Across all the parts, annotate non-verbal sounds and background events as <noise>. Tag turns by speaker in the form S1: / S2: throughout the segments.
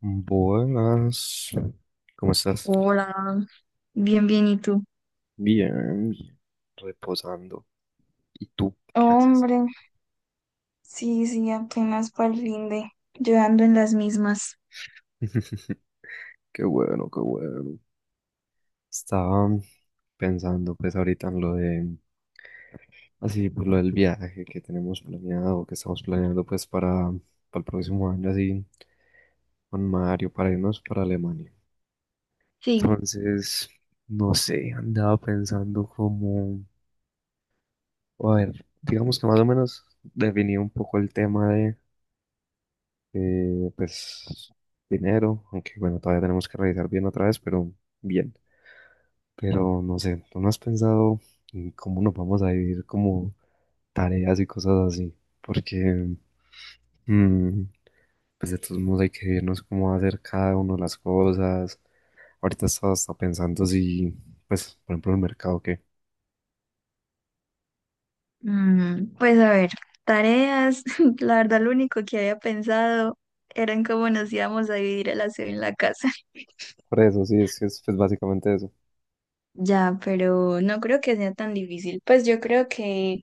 S1: Buenas, ¿cómo estás?
S2: Hola, bien, bien, ¿y tú?
S1: Bien, bien, reposando. ¿Y tú qué haces?
S2: Hombre, sí, sí, apenas para el fin de, yo ando en las mismas.
S1: <laughs> Qué bueno, qué bueno. Estaba pensando pues ahorita en lo de, así, pues lo del viaje que tenemos planeado, que estamos planeando pues para el próximo año, así, con Mario, para irnos para Alemania.
S2: Sí.
S1: Entonces, no sé, andaba pensando como, a ver, digamos que más o menos definí un poco el tema pues dinero, aunque bueno, todavía tenemos que revisar bien otra vez, pero bien. Pero no sé, ¿tú no has pensado en cómo nos vamos a dividir como tareas y cosas así? Porque, mm, pues de todos modos hay que vernos cómo va a hacer cada uno las cosas. Ahorita estaba hasta pensando si, pues, por ejemplo, el mercado, ¿qué?
S2: Pues a ver, tareas, <laughs> la verdad lo único que había pensado era en cómo nos íbamos a dividir el aseo en la casa. <laughs>
S1: Por eso, sí, es que es pues, básicamente eso.
S2: Ya, pero no creo que sea tan difícil. Pues yo creo que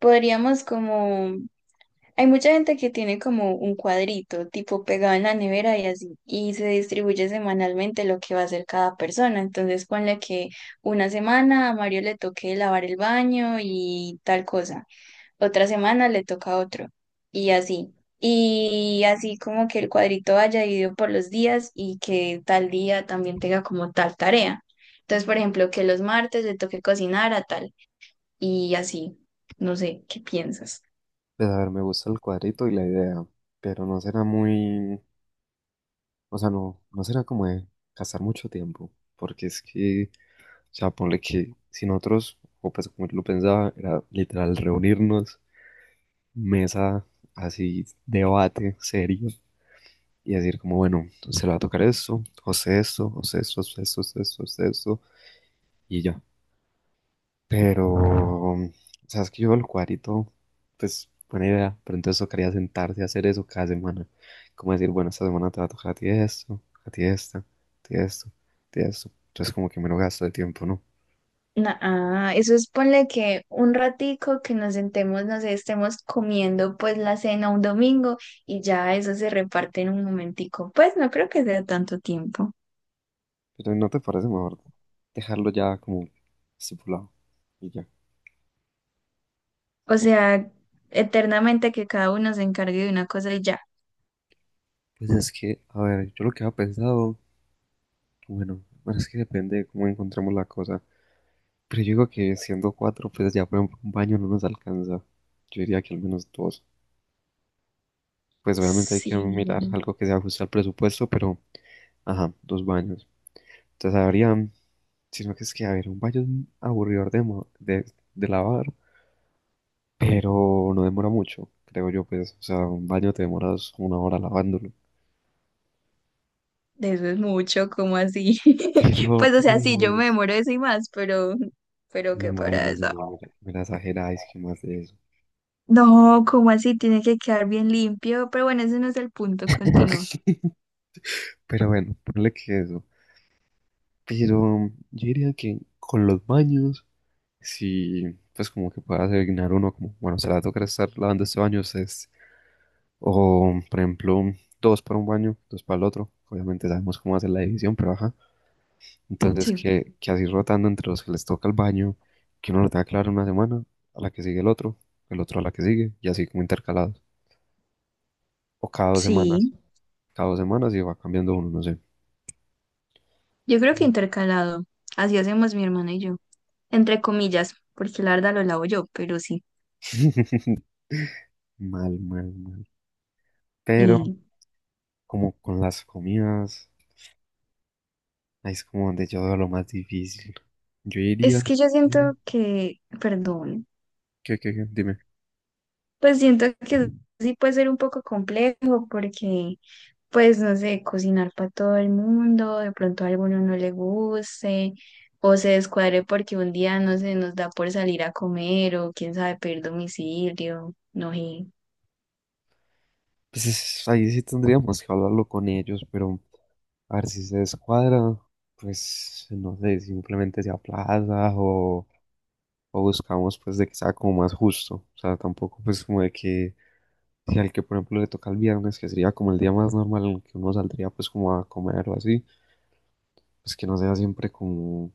S2: podríamos como hay mucha gente que tiene como un cuadrito, tipo pegado en la nevera y así, y se distribuye semanalmente lo que va a hacer cada persona. Entonces, ponle que una semana a Mario le toque lavar el baño y tal cosa, otra semana le toca a otro, y así. Y así como que el cuadrito vaya dividido por los días y que tal día también tenga como tal tarea. Entonces, por ejemplo, que los martes le toque cocinar a tal, y así. No sé, ¿qué piensas?
S1: Pues a ver, me gusta el cuadrito y la idea, pero no será muy, o sea, no, no será como de gastar mucho tiempo, porque es que, o sea, ponle que si nosotros, o pues como yo lo pensaba, era literal reunirnos, mesa, así, debate serio, y decir como, bueno, se le va a tocar esto, o sea, esto, o sea, esto, o sea, esto, o sea, esto, o sea, esto, y ya. Pero, sabes que yo el cuadrito, pues buena idea, pero entonces tocaría sentarse a hacer eso cada semana. Como decir, bueno, esta semana te va a tocar a ti esto, a ti esta, a ti esto, a ti esto. Entonces como que me lo gasto de tiempo, ¿no?
S2: Eso es ponle que un ratico que nos sentemos, no sé, estemos comiendo pues la cena un domingo y ya eso se reparte en un momentico. Pues no creo que sea tanto tiempo.
S1: Pero ¿no te parece mejor dejarlo ya como estipulado y ya?
S2: O
S1: Ok.
S2: sea, eternamente que cada uno se encargue de una cosa y ya.
S1: Pues es que, a ver, yo lo que había pensado, bueno, bueno, es que depende de cómo encontremos la cosa. Pero yo digo que siendo cuatro, pues ya por ejemplo un baño no nos alcanza. Yo diría que al menos dos. Pues obviamente hay
S2: Sí,
S1: que mirar algo que se ajuste al presupuesto, pero, ajá, dos baños. Entonces habría, sino que es que, a ver, un baño es aburridor de lavar, pero no demora mucho, creo yo, pues, o sea, un baño te demoras una hora lavándolo.
S2: de eso es mucho, como así?
S1: <laughs>
S2: <laughs>
S1: Pero,
S2: Pues o sea, sí, yo me
S1: pues,
S2: demoro eso y más, pero qué para
S1: imagínense,
S2: eso.
S1: no, me la exageráis que más de eso.
S2: No, como así? Tiene que quedar bien limpio, pero bueno, ese no es el punto, continúa.
S1: <laughs> Pero bueno, ponle que eso. Pero yo diría que con los baños, sí, pues como que pueda asignar uno como, bueno, se le va a tocar estar lavando este baño, ustedes. O, por ejemplo, dos para un baño, dos para el otro. Obviamente sabemos cómo hacer la división, pero ajá. Entonces,
S2: Sí.
S1: que así rotando entre los que les toca el baño, que uno lo tenga claro una semana, a la que sigue el otro a la que sigue, y así como intercalados. O cada 2 semanas,
S2: Sí.
S1: cada dos semanas y va cambiando uno, no sé.
S2: Yo creo que intercalado. Así hacemos mi hermana y yo. Entre comillas, porque la verdad lo lavo yo, pero sí.
S1: Mal, mal, mal. Pero,
S2: Y
S1: como con las comidas, ahí es como donde yo veo lo más difícil. Yo diría
S2: es que yo siento
S1: que,
S2: que, perdón,
S1: dime.
S2: pues siento que sí puede ser un poco complejo porque, pues no sé, cocinar para todo el mundo, de pronto a alguno no le guste o se descuadre porque un día no se nos da por salir a comer o quién sabe pedir domicilio, no sé.
S1: Pues es, ahí sí tendríamos que hablarlo con ellos, pero. A ver si se descuadra, pues no sé, simplemente se aplaza o buscamos pues de que sea como más justo. O sea, tampoco pues como de que si al que por ejemplo le toca el viernes, que sería como el día más normal en el que uno saldría pues como a comer o así, pues que no sea siempre como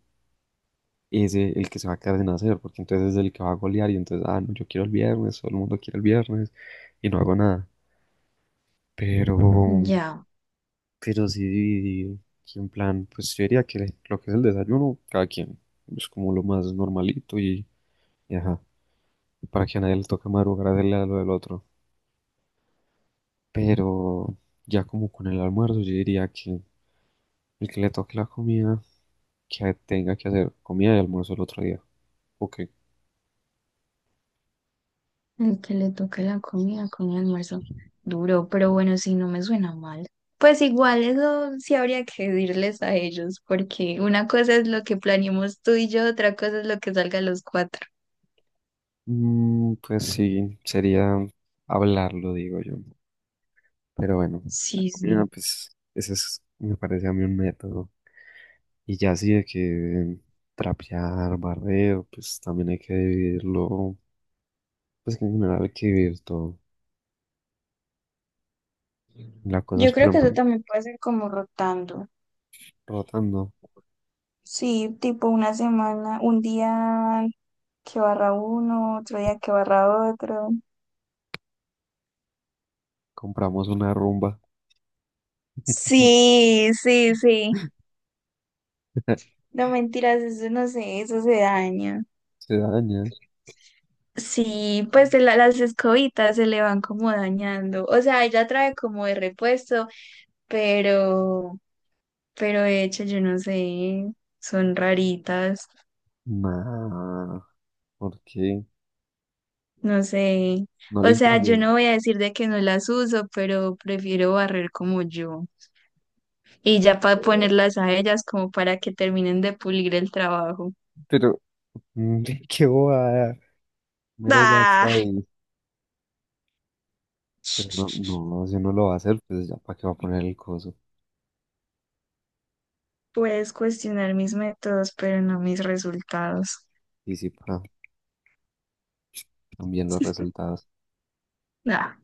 S1: ese el que se va a quedar sin hacer, porque entonces es el que va a golear y entonces, ah, no, yo quiero el viernes, todo el mundo quiere el viernes y no hago nada. Pero,
S2: Ya.
S1: Pero sí dividir, que en plan, pues yo diría que lo que es el desayuno, cada quien, es como lo más normalito y ajá, para que a nadie le toque madrugar a hacerle a lo del otro. Pero ya como con el almuerzo, yo diría que el que le toque la comida, que tenga que hacer comida y almuerzo el otro día. Ok.
S2: El que le toque la comida con el almuerzo. Duro, pero bueno, si no me suena mal. Pues igual eso sí habría que decirles a ellos, porque una cosa es lo que planeemos tú y yo, otra cosa es lo que salga a los cuatro.
S1: Mm, pues sí, sería hablarlo, digo yo, ¿no? Pero bueno, la
S2: Sí,
S1: comida,
S2: sí.
S1: pues, ese es, me parece a mí un método. Y ya así de que trapear, barrer, pues también hay que vivirlo, pues que en general hay que vivir todo. La cosa es,
S2: Yo
S1: por
S2: creo que
S1: ejemplo,
S2: eso también puede ser como rotando.
S1: rotando,
S2: Sí, tipo una semana, un día que barra uno, otro día que barra otro.
S1: compramos una rumba, <laughs>
S2: Sí, sí, sí. No mentiras, eso no sé, eso se daña.
S1: se daña.
S2: Sí, pues las escobitas se le van como dañando. O sea, ella trae como de repuesto, pero, pero de hecho yo no sé, son raritas,
S1: Nah, ¿por qué?
S2: no sé.
S1: No
S2: O
S1: limpian
S2: sea, yo
S1: bien.
S2: no voy a decir de que no las uso, pero prefiero barrer como yo. Y ya para ponerlas a ellas como para que terminen de pulir el trabajo.
S1: Pero, mm, <laughs> qué bobada, mero gasto
S2: ¡Ah!
S1: ahí. Pero no,
S2: <laughs>
S1: no, si uno lo va a hacer, pues ya para qué va a poner el coso.
S2: Puedes cuestionar mis métodos, pero no mis resultados.
S1: Y sí, para también los resultados.
S2: Ah,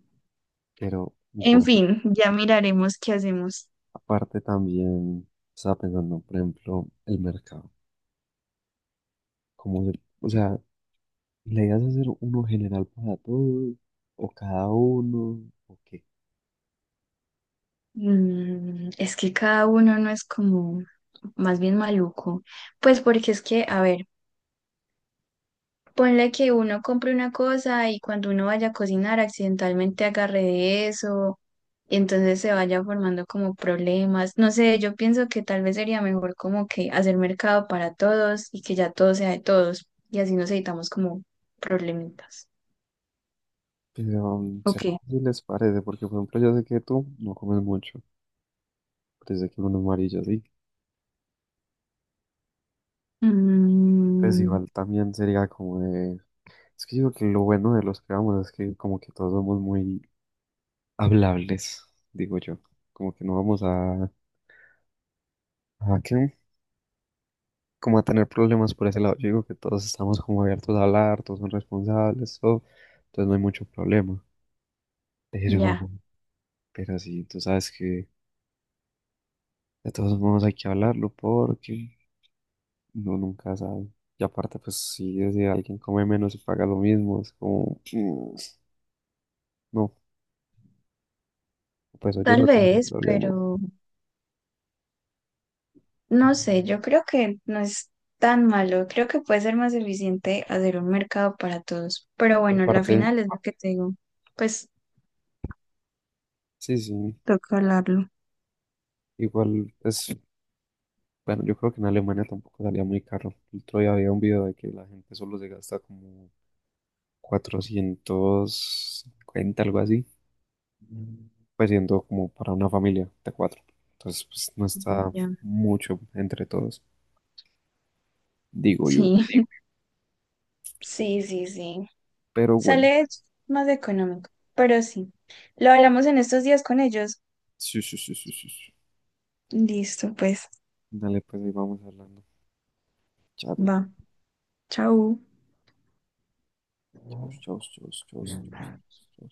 S1: Pero,
S2: en fin, ya miraremos qué hacemos.
S1: aparte también estaba pensando, por ejemplo, el mercado. O sea, la idea es hacer uno general para todos o cada uno o qué.
S2: Es que cada uno no es como más bien maluco. Pues porque es que, a ver, ponle que uno compre una cosa y cuando uno vaya a cocinar accidentalmente agarre de eso y entonces se vaya formando como problemas. No sé, yo pienso que tal vez sería mejor como que hacer mercado para todos y que ya todo sea de todos y así nos evitamos como problemitas.
S1: Pero mm, ¿será
S2: Ok.
S1: que sí les parece? Porque, por ejemplo, yo sé que tú no comes mucho, pero sé que uno es amarillo, sí. Pues
S2: Mm,
S1: igual también sería como de... Es que digo que lo bueno de los que vamos es que como que todos somos muy hablables, digo yo. Como que no vamos a... ¿A qué? Como a tener problemas por ese lado. Yo digo que todos estamos como abiertos a hablar, todos son responsables, todo, entonces no hay mucho problema.
S2: ya,
S1: Pero, pero sí, tú sabes que de todos modos hay que hablarlo porque uno nunca sabe. Y aparte, pues si alguien come menos y paga lo mismo, es como, <sniffs> mm, no, pues yo
S2: tal
S1: no tendría
S2: vez,
S1: problema.
S2: pero... No sé, yo creo que no es tan malo, creo que puede ser más eficiente hacer un mercado para todos, pero
S1: Y
S2: bueno, la
S1: aparte,
S2: final es lo que te digo, pues
S1: sí, sí,
S2: toca hablarlo.
S1: igual es, bueno, yo creo que en Alemania tampoco salía muy caro. El otro día había un video de que la gente solo se gasta como 450, algo así, pues siendo como para una familia de cuatro. Entonces, pues no está
S2: Ya.
S1: mucho entre todos, digo yo.
S2: Sí, <laughs> sí, sí, sí,
S1: Pero bueno,
S2: sale más económico, pero sí, lo hablamos en estos días con ellos.
S1: sí, sí, sí, sí, sí. Sí.
S2: Listo, pues,
S1: Dale, pues ahí vamos hablando. Chao,
S2: va, chao.
S1: chao, chao, chao, chao, chao. Chao.